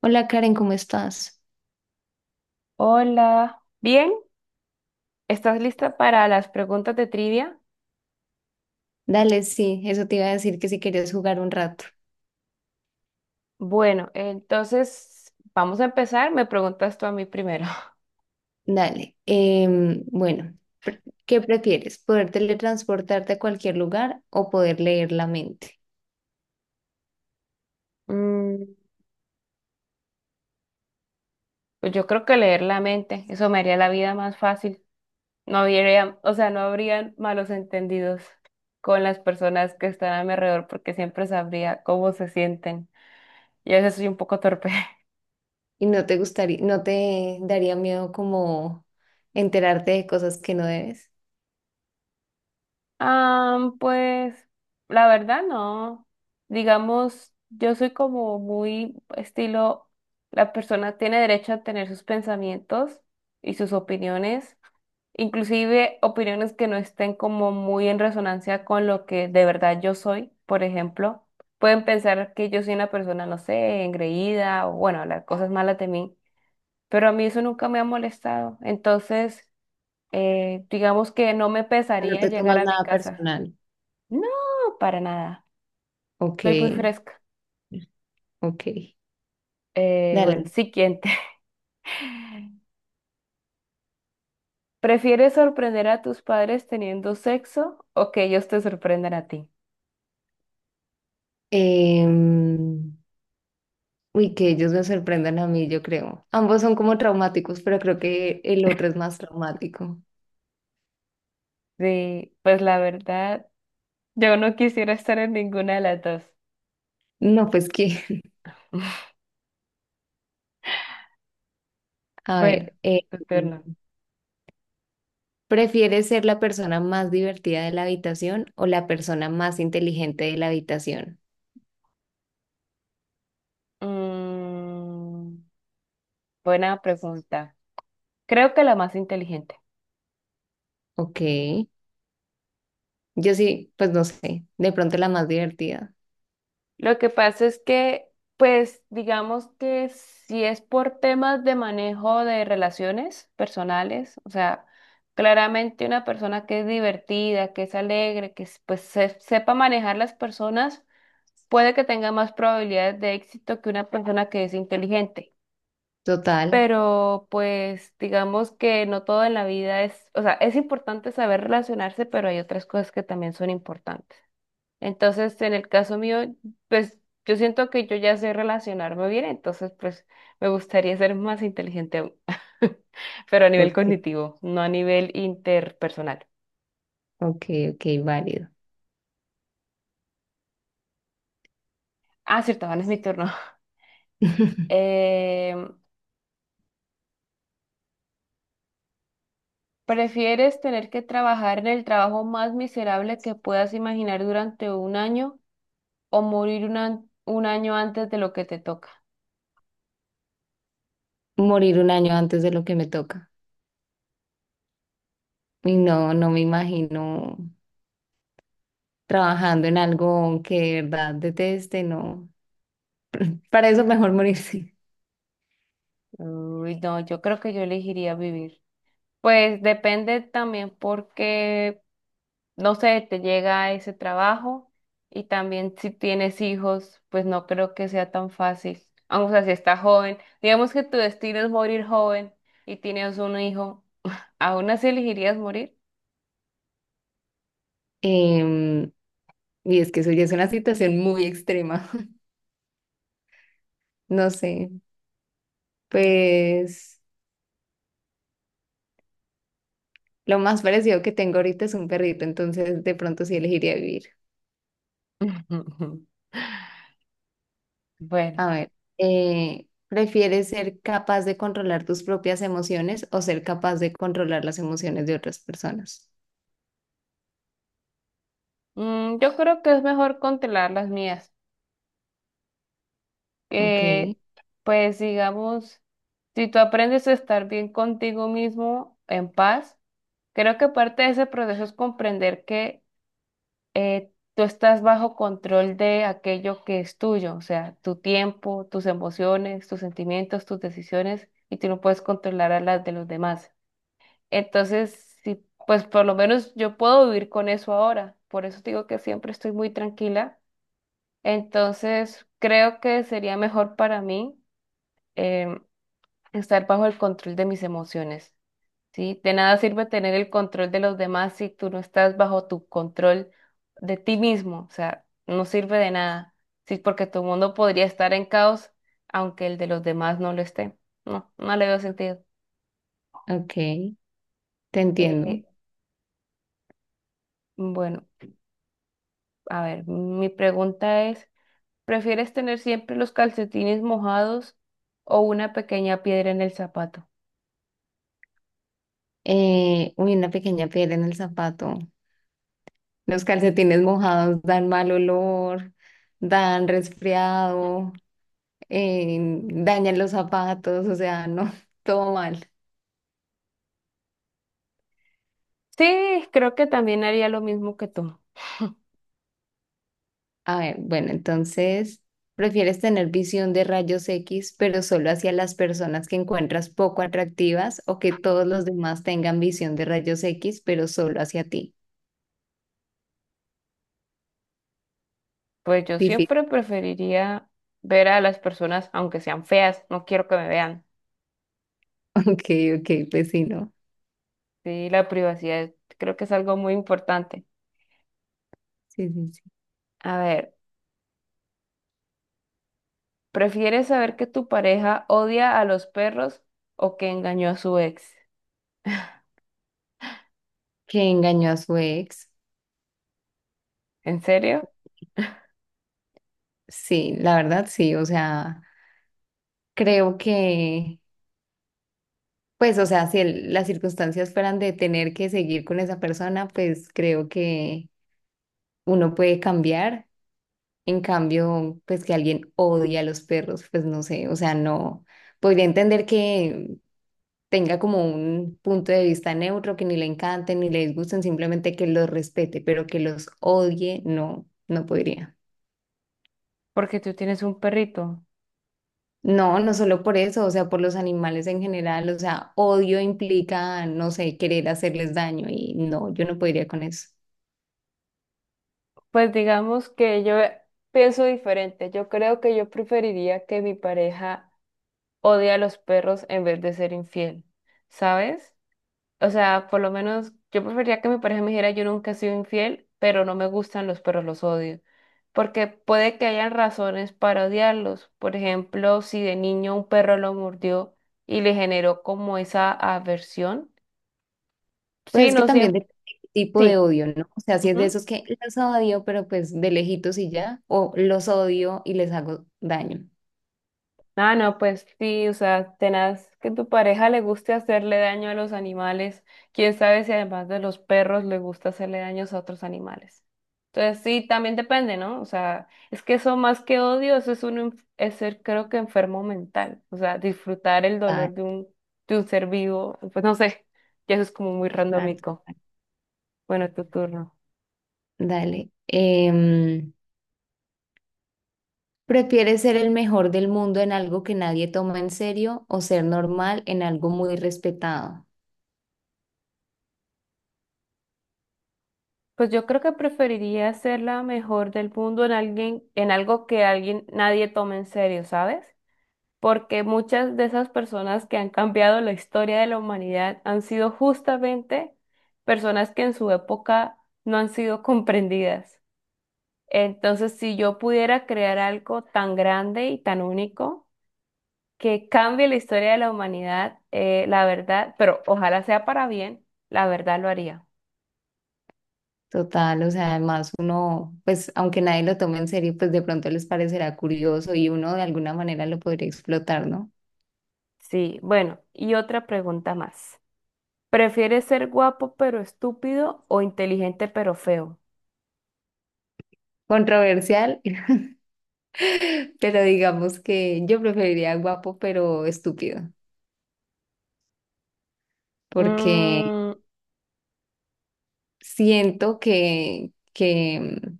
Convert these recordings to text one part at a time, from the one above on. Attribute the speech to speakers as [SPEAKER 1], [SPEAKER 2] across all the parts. [SPEAKER 1] Hola Karen, ¿cómo estás?
[SPEAKER 2] Hola, bien, ¿estás lista para las preguntas de trivia?
[SPEAKER 1] Dale, sí, eso te iba a decir que si querías jugar un rato.
[SPEAKER 2] Bueno, entonces vamos a empezar. Me preguntas tú a mí primero.
[SPEAKER 1] Dale. Bueno, ¿qué prefieres? ¿Poder teletransportarte a cualquier lugar o poder leer la mente?
[SPEAKER 2] Mm, pues yo creo que leer la mente, eso me haría la vida más fácil. No habría, o sea, no habrían malos entendidos con las personas que están a mi alrededor porque siempre sabría cómo se sienten. Y a veces soy un poco torpe.
[SPEAKER 1] ¿Y no te gustaría, no te daría miedo como enterarte de cosas que no debes?
[SPEAKER 2] Ah, pues la verdad no. Digamos, yo soy como muy estilo, la persona tiene derecho a tener sus pensamientos y sus opiniones, inclusive opiniones que no estén como muy en resonancia con lo que de verdad yo soy, por ejemplo. Pueden pensar que yo soy una persona, no sé, engreída o bueno, las cosas malas de mí, pero a mí eso nunca me ha molestado. Entonces, digamos que no me
[SPEAKER 1] No
[SPEAKER 2] pesaría
[SPEAKER 1] te
[SPEAKER 2] llegar
[SPEAKER 1] tomas
[SPEAKER 2] a mi
[SPEAKER 1] nada
[SPEAKER 2] casa.
[SPEAKER 1] personal.
[SPEAKER 2] No, para nada.
[SPEAKER 1] Ok,
[SPEAKER 2] Soy muy fresca.
[SPEAKER 1] ok.
[SPEAKER 2] Bueno,
[SPEAKER 1] Dale.
[SPEAKER 2] siguiente. ¿Prefieres sorprender a tus padres teniendo sexo o que ellos te sorprendan a ti?
[SPEAKER 1] Em, Uy, que ellos me sorprendan a mí, yo creo. Ambos son como traumáticos, pero creo que el otro es más traumático.
[SPEAKER 2] Sí, pues la verdad, yo no quisiera estar en ninguna de las dos.
[SPEAKER 1] No, pues que, a
[SPEAKER 2] Bueno,
[SPEAKER 1] ver,
[SPEAKER 2] tu turno.
[SPEAKER 1] ¿prefieres ser la persona más divertida de la habitación o la persona más inteligente de la habitación?
[SPEAKER 2] Mm, buena pregunta. Creo que la más inteligente.
[SPEAKER 1] Ok, yo sí, pues no sé, de pronto la más divertida.
[SPEAKER 2] Lo que pasa es que, pues, digamos que si es por temas de manejo de relaciones personales, o sea, claramente una persona que es divertida, que es alegre, pues sepa manejar las personas, puede que tenga más probabilidades de éxito que una persona que es inteligente.
[SPEAKER 1] Total,
[SPEAKER 2] Pero pues digamos que no todo en la vida es, o sea, es importante saber relacionarse, pero hay otras cosas que también son importantes. Entonces, en el caso mío, pues yo siento que yo ya sé relacionarme bien, entonces pues me gustaría ser más inteligente aún, pero a nivel
[SPEAKER 1] ok,
[SPEAKER 2] cognitivo, no a nivel interpersonal.
[SPEAKER 1] ok, ok, válido.
[SPEAKER 2] Ah, cierto, ahora es mi turno. Eh, ¿prefieres tener que trabajar en el trabajo más miserable que puedas imaginar durante un año o morir un año antes de lo que te toca?
[SPEAKER 1] Morir un año antes de lo que me toca. Y no, no me imagino trabajando en algo que de verdad deteste, no. Para eso mejor morirse.
[SPEAKER 2] Uy, no, yo creo que yo elegiría vivir. Pues depende también porque no sé, te llega ese trabajo y también si tienes hijos, pues no creo que sea tan fácil. Aunque, o sea, si estás joven, digamos que tu destino es morir joven y tienes un hijo, ¿aún así elegirías morir?
[SPEAKER 1] Em, y es que eso ya es una situación muy extrema. No sé, pues lo más parecido que tengo ahorita es un perrito, entonces de pronto sí elegiría vivir.
[SPEAKER 2] Bueno,
[SPEAKER 1] A ver, ¿prefieres ser capaz de controlar tus propias emociones o ser capaz de controlar las emociones de otras personas?
[SPEAKER 2] yo creo que es mejor controlar las mías.
[SPEAKER 1] Ok,
[SPEAKER 2] Eh, pues digamos, si tú aprendes a estar bien contigo mismo, en paz, creo que parte de ese proceso es comprender que tú estás bajo control de aquello que es tuyo, o sea, tu tiempo, tus emociones, tus sentimientos, tus decisiones, y tú no puedes controlar a las de los demás. Entonces, sí, pues por lo menos yo puedo vivir con eso ahora. Por eso te digo que siempre estoy muy tranquila. Entonces, creo que sería mejor para mí em, estar bajo el control de mis emociones. ¿Sí? De nada sirve tener el control de los demás si tú no estás bajo tu control de ti mismo, o sea, no sirve de nada, ¿sí? Porque tu mundo podría estar en caos aunque el de los demás no lo esté. No, no le veo sentido.
[SPEAKER 1] ok, te entiendo.
[SPEAKER 2] Eh, bueno, a ver, mi pregunta es, ¿prefieres tener siempre los calcetines mojados o una pequeña piedra en el zapato?
[SPEAKER 1] Uy, una pequeña piedra en el zapato. Los calcetines mojados dan mal olor, dan resfriado, eh, dañan los zapatos, o sea, no, todo mal.
[SPEAKER 2] Sí, creo que también haría lo mismo que tú.
[SPEAKER 1] A ver, bueno, entonces, ¿prefieres tener visión de rayos X, pero solo hacia las personas que encuentras poco atractivas o que todos los demás tengan visión de rayos X, pero solo hacia ti?
[SPEAKER 2] Pues yo
[SPEAKER 1] Difícil.
[SPEAKER 2] siempre preferiría ver a las personas, aunque sean feas, no quiero que me vean.
[SPEAKER 1] Ok, ok, pues sí, ¿no?
[SPEAKER 2] Sí, la privacidad creo que es algo muy importante.
[SPEAKER 1] Sí, sí, sí.
[SPEAKER 2] A ver, ¿prefieres saber que tu pareja odia a los perros o que engañó a su ex?
[SPEAKER 1] Que engañó a su ex.
[SPEAKER 2] ¿En serio?
[SPEAKER 1] Sí, la verdad, sí, o sea, creo que, pues, o sea, si el- las circunstancias fueran de tener que seguir con esa persona, pues creo que uno puede cambiar. En cambio, pues que alguien odie a los perros, pues no sé, o sea, no podría entender que tenga como un punto de vista neutro, que ni le encanten ni le disgusten, simplemente que los respete, pero que los odie, no, no podría.
[SPEAKER 2] Porque tú tienes un perrito.
[SPEAKER 1] No, no solo por eso, o sea, por los animales en general, o sea, odio implica, no sé, querer hacerles daño y no, yo no podría con eso.
[SPEAKER 2] Pues digamos que yo pienso diferente. Yo creo que yo preferiría que mi pareja odie a los perros en vez de ser infiel, ¿sabes? O sea, por lo menos yo preferiría que mi pareja me dijera yo nunca he sido infiel, pero no me gustan los perros, los odio. Porque puede que hayan razones para odiarlos. Por ejemplo, si de niño un perro lo mordió y le generó como esa aversión.
[SPEAKER 1] Pues
[SPEAKER 2] Sí,
[SPEAKER 1] es que
[SPEAKER 2] no
[SPEAKER 1] también
[SPEAKER 2] siempre.
[SPEAKER 1] depende de qué tipo de
[SPEAKER 2] Sí.
[SPEAKER 1] odio, ¿no? O sea, si es de esos que los odio, pero pues de lejitos y ya, o los odio y les hago daño.
[SPEAKER 2] Ah, no, pues sí, o sea, tenaz que tu pareja le guste hacerle daño a los animales. Quién sabe si además de los perros le gusta hacerle daños a otros animales. Entonces sí, también depende, ¿no? O sea, es que eso más que odio, eso es un, es ser creo que enfermo mental. O sea, disfrutar el
[SPEAKER 1] Da-
[SPEAKER 2] dolor de un ser vivo, pues no sé, ya eso es como muy
[SPEAKER 1] Dale.
[SPEAKER 2] randómico. Bueno, tu turno.
[SPEAKER 1] Dale. ¿Prefieres ser el mejor del mundo en algo que nadie toma en serio o ser normal en algo muy respetado?
[SPEAKER 2] Pues yo creo que preferiría ser la mejor del mundo en alguien, en algo que alguien, nadie tome en serio, ¿sabes? Porque muchas de esas personas que han cambiado la historia de la humanidad han sido justamente personas que en su época no han sido comprendidas. Entonces, si yo pudiera crear algo tan grande y tan único que cambie la historia de la humanidad, la verdad, pero ojalá sea para bien, la verdad lo haría.
[SPEAKER 1] Total, o sea, además uno, pues aunque nadie lo tome en serio, pues de pronto les parecerá curioso y uno de alguna manera lo podría explotar, ¿no?
[SPEAKER 2] Sí, bueno, y otra pregunta más. ¿Prefieres ser guapo pero estúpido o inteligente pero feo?
[SPEAKER 1] Controversial. Pero digamos que yo preferiría guapo pero estúpido, porque
[SPEAKER 2] Mm,
[SPEAKER 1] siento que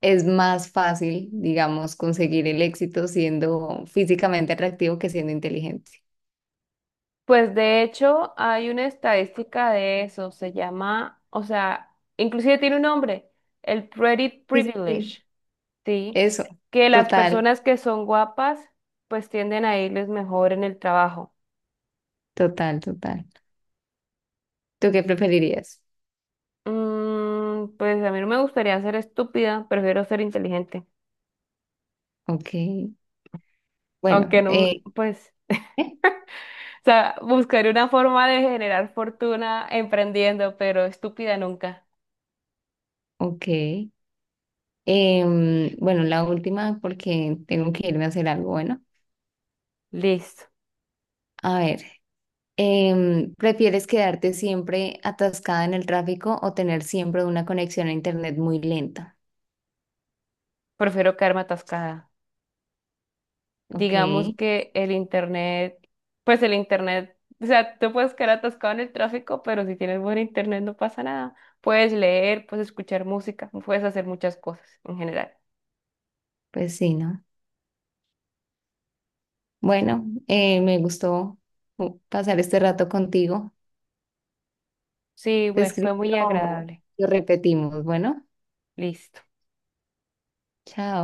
[SPEAKER 1] es más fácil, digamos, conseguir el éxito siendo físicamente atractivo que siendo inteligente.
[SPEAKER 2] pues de hecho hay una estadística de eso, se llama, o sea, inclusive tiene un nombre, el pretty
[SPEAKER 1] Sí, sí, sí.
[SPEAKER 2] privilege, ¿sí?
[SPEAKER 1] Eso,
[SPEAKER 2] Que las
[SPEAKER 1] total,
[SPEAKER 2] personas que son guapas pues tienden a irles mejor en el trabajo.
[SPEAKER 1] total, total. ¿Tú qué preferirías?
[SPEAKER 2] Mm, pues a mí no me gustaría ser estúpida, prefiero ser inteligente,
[SPEAKER 1] Ok, bueno,
[SPEAKER 2] aunque no, me- pues,
[SPEAKER 1] ¿eh?
[SPEAKER 2] o sea, buscaré una forma de generar fortuna emprendiendo, pero estúpida nunca.
[SPEAKER 1] Ok. Bueno, la última porque tengo que irme a hacer algo, bueno.
[SPEAKER 2] Listo,
[SPEAKER 1] A ver. ¿Prefieres quedarte siempre atascada en el tráfico o tener siempre una conexión a internet muy lenta?
[SPEAKER 2] prefiero quedarme atascada.
[SPEAKER 1] Ok,
[SPEAKER 2] Digamos que el internet, pues el internet, o sea, tú puedes quedar atascado en el tráfico, pero si tienes buen internet no pasa nada. Puedes leer, puedes escuchar música, puedes hacer muchas cosas en general.
[SPEAKER 1] pues sí, ¿no? Bueno, me gustó pasar este rato contigo.
[SPEAKER 2] Sí,
[SPEAKER 1] Te
[SPEAKER 2] bueno,
[SPEAKER 1] escribo,
[SPEAKER 2] fue muy
[SPEAKER 1] lo
[SPEAKER 2] agradable.
[SPEAKER 1] lo repetimos. Bueno,
[SPEAKER 2] Listo.
[SPEAKER 1] chao.